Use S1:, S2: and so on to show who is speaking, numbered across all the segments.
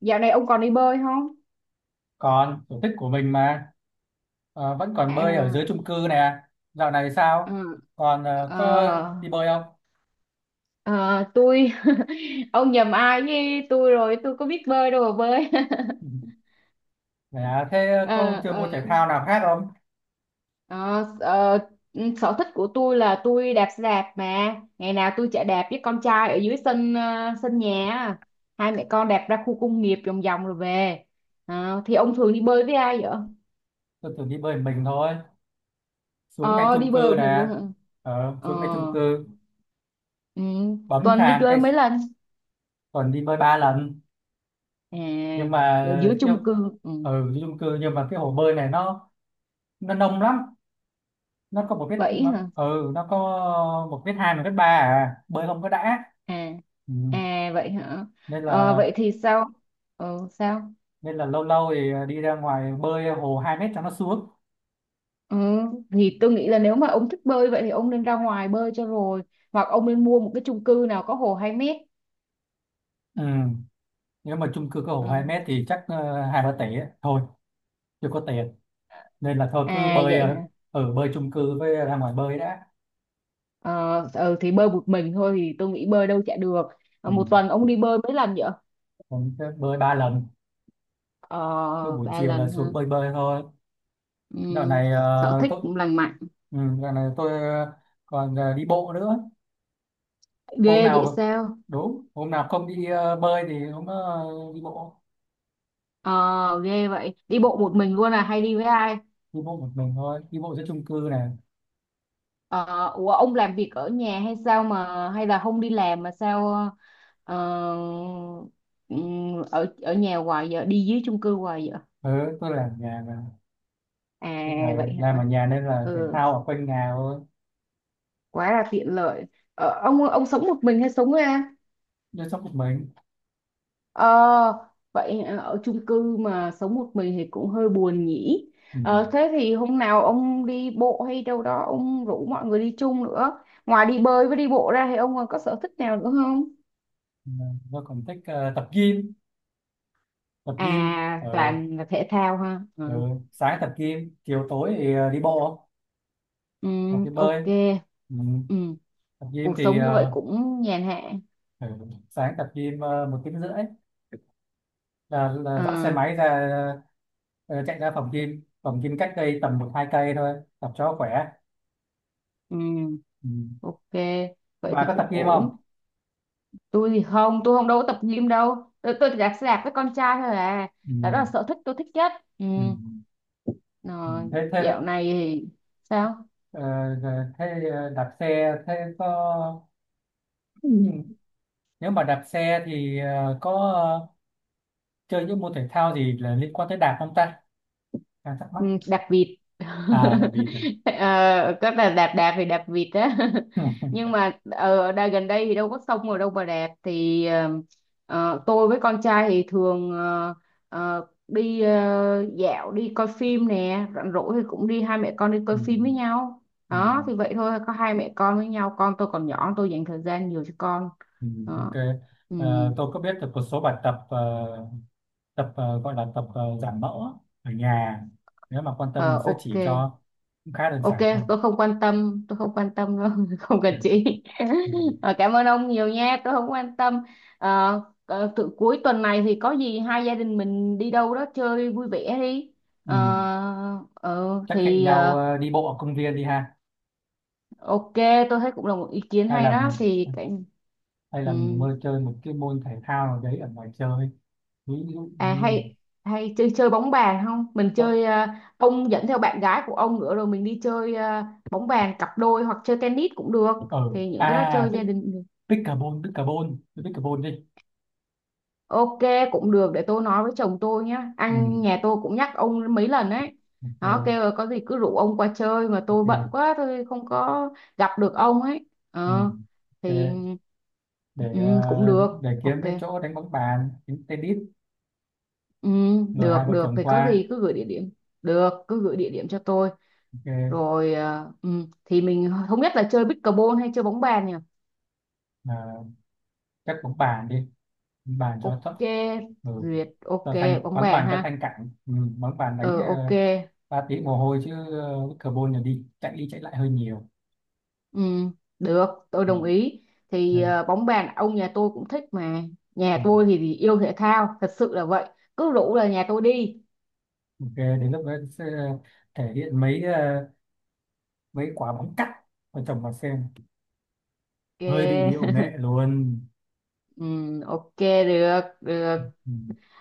S1: Dạo này ông còn đi bơi không?
S2: Còn sở thích của mình mà. Vẫn còn bơi ở dưới
S1: À,
S2: chung cư nè. Dạo này
S1: ờ,
S2: sao? Còn có
S1: ờ,
S2: đi bơi không?
S1: ờ, tôi ông nhầm ai với tôi rồi, tôi có biết bơi đâu mà bơi.
S2: Ừ. Dạ thế có
S1: Ờ,
S2: chơi
S1: ờ,
S2: môn thể thao nào khác không?
S1: ờ, ờ, sở thích của tôi là tôi đạp xe đạp, mà ngày nào tôi chạy đạp với con trai ở dưới sân, sân nhà á. Hai mẹ con đạp ra khu công nghiệp vòng vòng rồi về. Ờ, thì ông thường đi bơi với ai vậy?
S2: Tôi thường đi bơi mình thôi, xuống ngay
S1: Ờ,
S2: chung
S1: đi bơi
S2: cư
S1: một mình
S2: nè.
S1: luôn hả? Ờ,
S2: Xuống ngay chung cư,
S1: ừ,
S2: bấm
S1: tuần đi
S2: thang
S1: chơi
S2: cái.
S1: mấy lần?
S2: Còn đi bơi 3 lần,
S1: À,
S2: nhưng mà
S1: ở dưới
S2: kiểu
S1: chung cư. Ừ.
S2: ở chung cư, nhưng mà cái hồ bơi này nó nông lắm. Nó có một mét
S1: Vậy hả?
S2: nó có một mét hai, một mét ba, à bơi không có đã.
S1: À.
S2: Ừ.
S1: À, vậy hả?
S2: Nên
S1: Ờ,
S2: là
S1: vậy thì sao? Ừ, sao?
S2: lâu lâu thì, à, đi ra ngoài bơi hồ 2 mét cho nó xuống.
S1: Ừ, thì tôi nghĩ là nếu mà ông thích bơi vậy thì ông nên ra ngoài bơi cho rồi, hoặc ông nên mua một cái chung cư nào có hồ 2 mét.
S2: Ừ. Nếu mà chung cư có hồ 2
S1: Ừ.
S2: mét thì chắc hai ba tỷ ấy. Thôi chưa có tiền, nên là thôi cứ
S1: À,
S2: bơi,
S1: vậy hả?
S2: ở bơi chung cư với ra ngoài bơi đã.
S1: Ờ, ừ, thì bơi một mình thôi thì tôi nghĩ bơi đâu chả được. Ờ,
S2: Ừ.
S1: một tuần ông đi bơi mấy lần vậy?
S2: Còn cứ bơi 3 lần,
S1: Ờ,
S2: cứ buổi
S1: ba
S2: chiều là
S1: lần
S2: xuống
S1: ha.
S2: bơi bơi thôi.
S1: Ừ.
S2: Dạo này
S1: Sở thích
S2: tôi
S1: cũng lành mạnh.
S2: dạo này tôi còn đi bộ nữa. Hôm
S1: Ghê vậy
S2: nào
S1: sao?
S2: đúng hôm nào không đi bơi thì hôm đó đi bộ.
S1: Ờ, Ghê vậy, đi bộ một mình luôn à hay đi với ai?
S2: Đi bộ một mình thôi, đi bộ giữa chung cư này.
S1: Ờ, ủa ông làm việc ở nhà hay sao, mà hay là không đi làm mà sao? ờ, Ở ở nhà hoài vậy, đi dưới chung cư hoài vậy.
S2: Ừ, tôi làm nhà mà.
S1: À,
S2: ừ,
S1: vậy
S2: làm
S1: hả?
S2: ở nhà nên là thể
S1: Ừ,
S2: thao ở quanh nhà thôi.
S1: quá là tiện lợi. Ờ, ông sống một mình hay sống với ai?
S2: Chăm sóc một mình.
S1: Ờ, vậy hả? Ở chung cư mà sống một mình thì cũng hơi buồn nhỉ.
S2: Ừ.
S1: Ờ, thế thì hôm nào ông đi bộ hay đâu đó, ông rủ mọi người đi chung nữa. Ngoài đi bơi với đi bộ ra thì ông còn có sở thích nào nữa không?
S2: Tôi còn thích tập gym, tập gym. Ừ.
S1: À, toàn là thể thao ha.
S2: Ừ.
S1: Ừ.
S2: Sáng tập gym, chiều tối thì đi bộ
S1: Ừ,
S2: hoặc đi
S1: ok.
S2: bơi. Ừ.
S1: Ừ.
S2: Tập gym
S1: Cuộc
S2: thì,
S1: sống như vậy cũng nhàn hạ.
S2: ừ, sáng tập gym 1,5 tiếng là dắt xe
S1: Ờ.
S2: máy ra, chạy ra phòng gym, phòng gym cách đây tầm một hai cây thôi, tập cho khỏe.
S1: Ừ.
S2: Ừ.
S1: Ok, vậy
S2: Bà
S1: thì
S2: có
S1: cũng
S2: tập gym không?
S1: ổn. Tôi thì không, tôi không đâu có tập gym đâu, tôi chỉ đạp xe đạp với con trai thôi à.
S2: Ừ.
S1: Là đó là sở thích tôi thích nhất. Ừ.
S2: Ừ. Ừ.
S1: Rồi,
S2: thế thế?
S1: dạo này thì sao?
S2: Ờ, giờ thế đạp xe thế có, ừ, nếu mà đạp xe thì có chơi những môn thể thao gì là liên quan tới đạp không ta? Đang thắc mắc.
S1: Ừ, đạp vịt.
S2: À là vì
S1: ờ, có là đạp, đạp thì đạp vịt á. Nhưng mà ở đây gần đây thì đâu có sông rồi đâu mà đạp, thì tôi với con trai thì thường đi dạo, đi coi phim nè, rảnh rỗi thì cũng đi hai mẹ con đi
S2: ừ,
S1: coi phim với
S2: ừ,
S1: nhau.
S2: ừ,
S1: Đó thì vậy thôi, có hai mẹ con với nhau, con tôi còn nhỏ, tôi dành thời gian nhiều cho con.
S2: ừ,
S1: Đó.
S2: ok.
S1: Ừ.
S2: Tôi có biết được một số bài tập, tập, gọi là tập giảm mỡ ở nhà. Nếu mà quan tâm
S1: Ờ,
S2: mình sẽ
S1: ok.
S2: chỉ cho, cũng khá đơn
S1: Ok,
S2: giản thôi.
S1: tôi không quan tâm, tôi không quan tâm đâu, không cần
S2: Đơn giản.
S1: chị.
S2: Ừ.
S1: Ờ, cảm ơn ông nhiều nha, tôi không quan tâm. Ờ, ờ, tự cuối tuần này thì có gì hai gia đình mình đi đâu đó chơi vui vẻ đi.
S2: Ừ.
S1: Ờ, ờ,
S2: Chắc hẹn
S1: thì
S2: nhau
S1: ờ,
S2: đi bộ ở công viên đi ha.
S1: ok, tôi thấy cũng là một ý kiến
S2: Hay
S1: hay
S2: là
S1: đó.
S2: mình
S1: Thì cái,
S2: Hay
S1: ừ.
S2: là mình mơ chơi một cái môn thể thao nào đấy ở ngoài chơi, ví dụ
S1: À,
S2: như,
S1: hay hay chơi chơi bóng bàn không? Mình
S2: ở,
S1: chơi, ông dẫn theo bạn gái của ông nữa rồi mình đi chơi, bóng bàn cặp đôi hoặc chơi tennis cũng được.
S2: ở
S1: Thì những cái đó
S2: à,
S1: chơi gia đình.
S2: pickleball pickleball. Chơi pickleball đi.
S1: Ok, cũng được, để tôi nói với chồng tôi nhé,
S2: Ừ.
S1: anh nhà tôi cũng nhắc ông mấy lần ấy. Nó
S2: Ok.
S1: kêu là có gì cứ rủ ông qua chơi mà tôi bận
S2: Ok.
S1: quá, tôi không có gặp được ông ấy.
S2: Ừ.
S1: Ờ,
S2: Ok,
S1: thì.
S2: để
S1: Ừ,
S2: ờ,
S1: cũng được,
S2: để kiếm
S1: ok.
S2: cái chỗ đánh bóng bàn, đánh tennis
S1: Ừ,
S2: rồi hai
S1: được
S2: vợ
S1: được,
S2: chồng
S1: thì có
S2: qua.
S1: gì cứ gửi địa điểm, được, cứ gửi địa điểm cho tôi.
S2: Ok.
S1: Rồi thì mình không biết là chơi pickleball hay chơi bóng bàn nhỉ.
S2: À, chắc bóng bàn đi, bóng bàn cho
S1: Ok.
S2: thấp. Ừ.
S1: Duyệt. Ok.
S2: Cho thanh,
S1: Bóng
S2: bóng
S1: bàn
S2: bàn cho
S1: ha.
S2: thanh cản. Ừ. Bóng bàn đánh
S1: Ờ, ok.
S2: 3 tiếng mồ hôi chứ. Pickleball là đi chạy lại hơi nhiều.
S1: Ừ, được, tôi
S2: Ừ.
S1: đồng ý. Thì
S2: Đây.
S1: bóng bàn ông nhà tôi cũng thích mà.
S2: Ừ.
S1: Nhà tôi thì yêu thể thao, thật sự là vậy. Cứ rủ là nhà tôi đi.
S2: Ok, đến lúc đó sẽ thể hiện mấy quả bóng cắt và chồng vào xem,
S1: Ok.
S2: hơi bị điệu nghệ luôn.
S1: Ừ, ok, được, được.
S2: Ừ.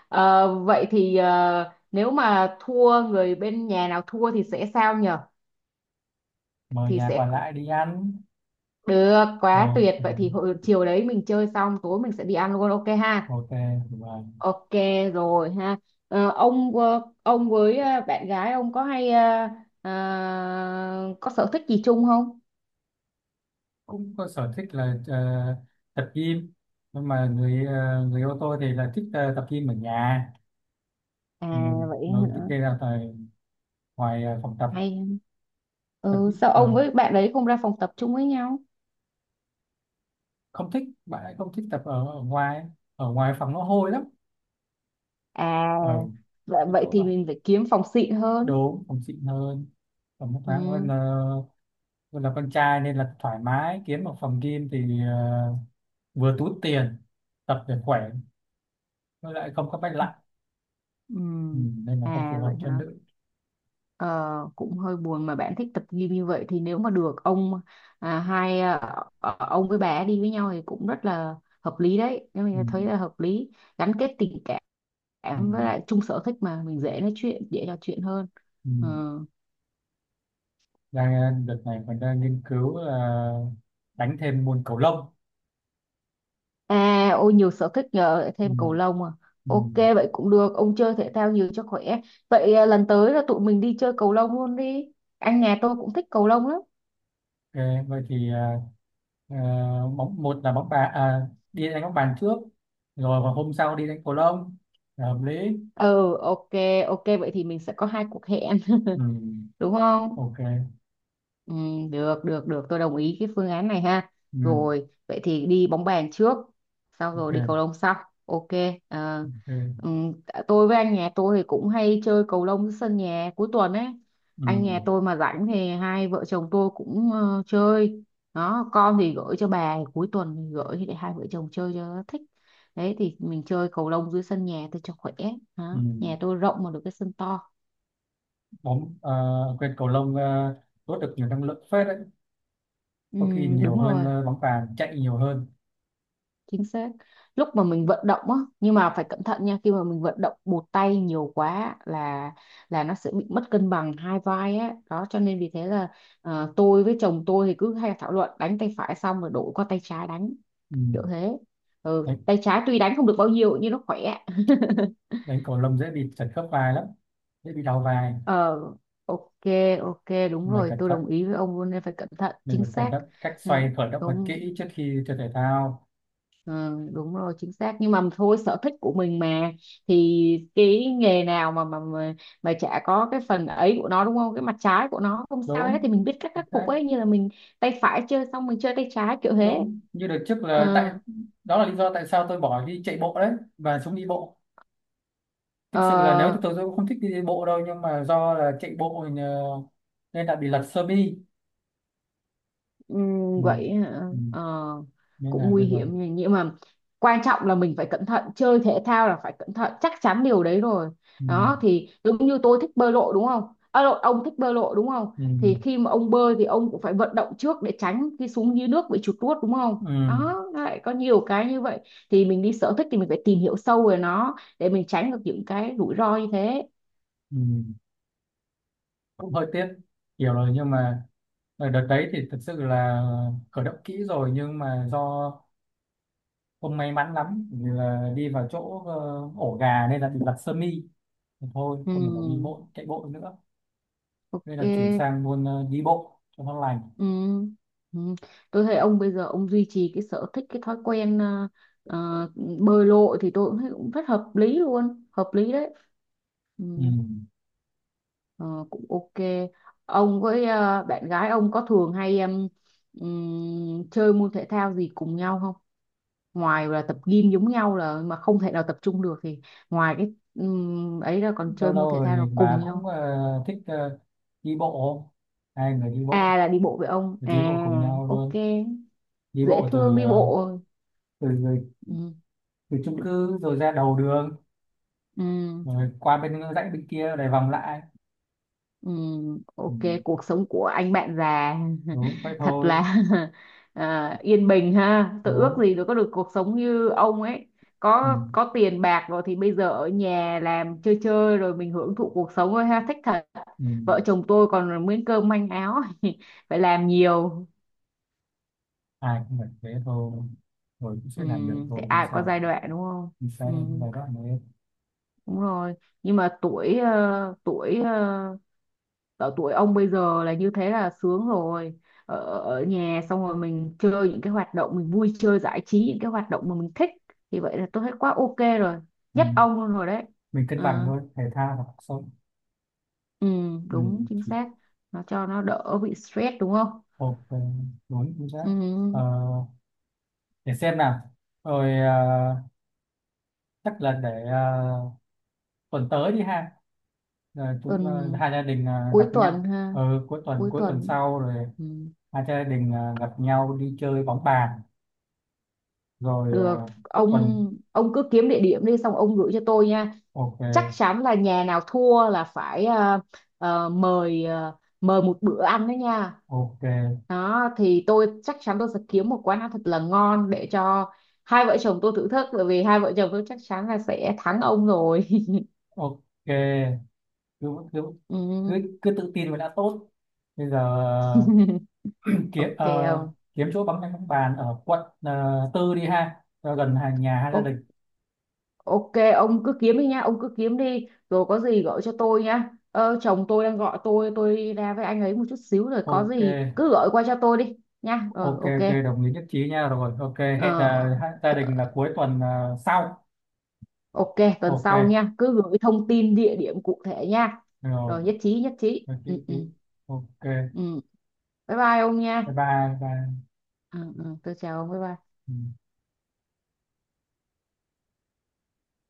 S1: Ờ, vậy thì nếu mà thua, người bên nhà nào thua thì sẽ sao nhở?
S2: Mời
S1: Thì
S2: nhà
S1: sẽ
S2: còn lại đi ăn.
S1: được,
S2: Ờ,
S1: quá tuyệt.
S2: ừ,
S1: Vậy thì hồi chiều đấy mình chơi xong, tối mình sẽ đi ăn luôn, ok ha?
S2: ok. Và
S1: Ok, rồi ha. Ờ, ông với bạn gái ông có hay, có sở thích gì chung không?
S2: cũng có sở thích là tập gym, nhưng mà người ô tô thì là thích tập gym ở nhà.
S1: À,
S2: mình
S1: vậy
S2: mình thích
S1: hả?
S2: đi ra tại ngoài, phòng tập.
S1: Hay.
S2: Tập
S1: Ừ,
S2: gym.
S1: sao ông
S2: Ờ,
S1: với bạn đấy không ra phòng tập chung với nhau?
S2: không thích, bạn ấy không thích tập ở ngoài, ở ngoài phòng nó hôi lắm.
S1: À.
S2: Ở
S1: Vậy,
S2: cái
S1: vậy
S2: chỗ
S1: thì
S2: đó,
S1: mình phải kiếm phòng xịn hơn.
S2: đúng, phòng xịn hơn, phòng nước
S1: Ừ.
S2: khoáng hơn là, hơn là con trai nên là thoải mái kiếm một phòng gym thì vừa túi tiền, tập để khỏe, với lại không có bách lạnh.
S1: Ừ.
S2: ừ, Nên là không phù
S1: À,
S2: hợp
S1: vậy
S2: cho
S1: hả?
S2: nữ.
S1: Ờ, cũng hơi buồn mà bạn thích tập gym như vậy, thì nếu mà được ông, à, hai à, ông với bà đi với nhau thì cũng rất là hợp lý đấy. Nếu
S2: Ừ,
S1: mình thấy là hợp lý, gắn kết tình cảm
S2: ừ,
S1: em với lại chung sở thích mà mình dễ nói chuyện, dễ trò chuyện hơn.
S2: ừ.
S1: Ừ.
S2: Đang, đợt này mình đang nghiên cứu là đánh thêm môn cầu lông.
S1: À, ôi nhiều sở thích nhờ, lại
S2: Ừ,
S1: thêm cầu lông à.
S2: ừ.
S1: Ok, vậy cũng được, ông chơi thể thao nhiều cho khỏe. Vậy à, lần tới là tụi mình đi chơi cầu lông luôn đi, anh nhà tôi cũng thích cầu lông lắm.
S2: Ok, vậy thì, ờ, một là bóng bàn, à, đi đánh bóng bàn trước, rồi vào hôm sau đi đánh cầu lông là hợp lý.
S1: Ừ, ok. Ok, vậy thì mình sẽ có hai cuộc hẹn.
S2: Ừ,
S1: Đúng không?
S2: ok.
S1: Ừ, được được được, tôi đồng ý cái phương án này ha.
S2: Ừ.
S1: Rồi vậy thì đi bóng bàn trước, sau rồi đi cầu
S2: Ok,
S1: lông sau. Ok. ờ,
S2: ok.
S1: ừm, tôi với anh nhà tôi thì cũng hay chơi cầu lông dưới sân nhà cuối tuần ấy.
S2: Ừ,
S1: Anh nhà tôi mà rảnh thì hai vợ chồng tôi cũng chơi. Đó, con thì gửi cho bà, cuối tuần thì gửi để hai vợ chồng chơi cho nó thích. Đấy thì mình chơi cầu lông dưới sân nhà tôi cho khỏe.
S2: ừ.
S1: Đó. Nhà tôi rộng mà được cái sân to.
S2: Bóng, à quên, cầu lông, à, đốt được nhiều năng lượng phết đấy,
S1: Ừ,
S2: có khi nhiều
S1: đúng
S2: hơn,
S1: rồi,
S2: à, bóng bàn, chạy nhiều hơn.
S1: chính xác. Lúc mà mình vận động á, nhưng mà phải cẩn thận nha, khi mà mình vận động một tay nhiều quá là nó sẽ bị mất cân bằng hai vai á, đó cho nên vì thế là tôi với chồng tôi thì cứ hay thảo luận, đánh tay phải xong rồi đổi qua tay trái đánh,
S2: Ừ.
S1: kiểu thế. Ừ,
S2: Đấy,
S1: tay trái tuy đánh không được bao nhiêu nhưng nó khỏe.
S2: đánh cầu lông dễ bị trật khớp vai lắm, dễ bị đau vai.
S1: Ờ, ok. Ok, đúng
S2: Mình
S1: rồi,
S2: cẩn
S1: tôi
S2: thận,
S1: đồng ý với ông luôn, nên phải cẩn thận,
S2: mình
S1: chính
S2: phải cẩn
S1: xác.
S2: thận cách
S1: Ừ,
S2: xoay, khởi động thật
S1: đúng.
S2: kỹ trước khi chơi thể thao.
S1: Ừ, đúng rồi, chính xác, nhưng mà thôi, sở thích của mình mà. Thì cái nghề nào mà mà chả có cái phần ấy của nó, đúng không? Cái mặt trái của nó không sao hết,
S2: Đúng
S1: thì mình biết cách khắc phục
S2: đấy,
S1: ấy, như là mình tay phải chơi xong mình chơi tay trái kiểu thế.
S2: đúng như đợt trước là
S1: Ờ.
S2: tại đó là lý do tại sao tôi bỏ đi chạy bộ đấy và xuống đi bộ. Thực sự là nếu thì
S1: Ờ.
S2: tôi cũng không thích đi đi bộ đâu, nhưng mà do là chạy bộ nên đã bị lật sơ mi. Ừ,
S1: Vậy hả?
S2: ừ.
S1: Ờ,
S2: Nên
S1: cũng
S2: là
S1: nguy
S2: bây giờ,
S1: hiểm nhỉ. Nhưng mà quan trọng là mình phải cẩn thận, chơi thể thao là phải cẩn thận, chắc chắn điều đấy rồi.
S2: ừ,
S1: Đó, thì giống như tôi thích bơi lội đúng không. À, lộn, ông thích bơi lội đúng không.
S2: ừ,
S1: Thì khi mà ông bơi thì ông cũng phải vận động trước để tránh khi xuống dưới nước bị chuột rút, đúng không?
S2: ừ,
S1: Đó, nó lại có nhiều cái như vậy. Thì mình đi sở thích thì mình phải tìm hiểu sâu về nó để mình tránh được những cái rủi ro như thế.
S2: ừ, cũng hơi tiếc. Hiểu rồi nhưng mà ở đợt đấy thì thực sự là khởi động kỹ rồi, nhưng mà do không may mắn lắm vì là đi vào chỗ ổ gà nên là bị lật sơ mi. Thì thôi không thể nào đi
S1: Ừm,
S2: bộ chạy bộ nữa, nên là chuyển
S1: ok.
S2: sang luôn đi bộ cho nó lành.
S1: Ừ. Ừ. Tôi thấy ông bây giờ ông duy trì cái sở thích, cái thói quen ờ, bơi lội thì tôi cũng thấy cũng rất hợp lý luôn, hợp lý đấy. Ừ.
S2: Ừ.
S1: Ờ, cũng ok. Ông với bạn gái ông có thường hay em, chơi môn thể thao gì cùng nhau không, ngoài là tập gym giống nhau là mà không thể nào tập trung được thì ngoài cái ấy ra còn
S2: Lâu
S1: chơi
S2: lâu
S1: môn thể
S2: rồi
S1: thao
S2: thì
S1: nào cùng
S2: bà cũng
S1: nhau.
S2: thích đi bộ, hai người đi bộ,
S1: À, là đi bộ với ông
S2: đi
S1: à.
S2: bộ cùng nhau
S1: Ok,
S2: luôn. Đi
S1: dễ
S2: bộ từ,
S1: thương, đi bộ.
S2: từ
S1: Ừ.
S2: từ chung cư rồi ra đầu đường,
S1: Ừ.
S2: rồi qua bên dãy bên kia lại vòng lại. Ừ.
S1: Ok, cuộc sống của anh bạn già.
S2: Đúng vậy
S1: Thật
S2: thôi.
S1: là. À, yên bình ha. Tôi ước
S2: Đúng.
S1: gì được có được cuộc sống như ông ấy.
S2: Ừ.
S1: Có tiền bạc rồi thì bây giờ ở nhà làm chơi chơi rồi mình hưởng thụ cuộc sống thôi ha, thích thật.
S2: Ừ.
S1: Vợ chồng tôi còn miếng cơm manh áo phải làm nhiều.
S2: Ai cũng phải thế thôi, rồi cũng sẽ làm được
S1: Thì
S2: thôi, không
S1: ai cũng có
S2: sao.
S1: giai đoạn đúng không?
S2: Mình sẽ làm cái
S1: Ừm,
S2: bài đó này.
S1: đúng rồi. Nhưng mà tuổi, ở tuổi ông bây giờ là như thế là sướng rồi, ở nhà xong rồi mình chơi những cái hoạt động, mình vui chơi giải trí, những cái hoạt động mà mình thích, thì vậy là tôi thấy quá ok rồi,
S2: Ừ.
S1: nhất ông luôn rồi đấy.
S2: Mình cân
S1: Ừ,
S2: bằng thôi, thể thao và cuộc sống.
S1: ừ.
S2: Ừ.
S1: Đúng, chính xác, nó cho nó đỡ bị stress đúng không?
S2: Ok, đúng chính xác. ờ,
S1: Ừ,
S2: để xem nào, rồi, chắc là để, tuần tới đi ha. Rồi chúng,
S1: tuần.
S2: hai gia đình
S1: Cuối
S2: gặp
S1: tuần
S2: nhau,
S1: ha. Cuối
S2: cuối tuần
S1: tuần.
S2: sau rồi
S1: Ừ,
S2: hai gia đình gặp nhau đi chơi bóng bàn, rồi
S1: được ông
S2: quần,
S1: ông cứ kiếm địa điểm đi xong ông gửi cho tôi nha. Chắc
S2: ok,
S1: chắn là nhà nào thua là phải, mời, mời một bữa ăn đó nha.
S2: ok,
S1: Đó thì tôi chắc chắn tôi sẽ kiếm một quán ăn thật là ngon để cho hai vợ chồng tôi thử thức, bởi vì hai vợ chồng tôi chắc chắn là sẽ thắng ông rồi.
S2: ok. Cứ cứ
S1: Ừ.
S2: cứ tự tin là đã tốt. Bây giờ ờ, kiếm,
S1: Ok ông.
S2: kiếm chỗ bóng bóng bàn ở quận, tư đi ha cho gần hàng nhà hai gia
S1: O-.
S2: đình.
S1: Ok, ông cứ kiếm đi nha, ông cứ kiếm đi rồi có gì gọi cho tôi nha, chồng tôi đang gọi tôi ra với anh ấy một chút xíu rồi có
S2: Ok,
S1: gì cứ gọi qua cho tôi đi nha. Ờ,
S2: ok,
S1: ok.
S2: ok, đồng ý nhất trí nha. Rồi ok, hẹn
S1: Ờ.
S2: hai gia đình
S1: Ờ,
S2: là cuối tuần sau.
S1: ok, tuần
S2: Ok.
S1: sau nha, cứ gửi thông tin địa điểm cụ thể nha.
S2: Rồi.
S1: Rồi, nhất trí, nhất trí.
S2: Ok,
S1: Ừ, ừ,
S2: ok. Ok,
S1: ừ. Bye bye ông nha.
S2: bye bye, bye.
S1: Ừ, ừ, tôi chào ông, bye bye.
S2: Ừ.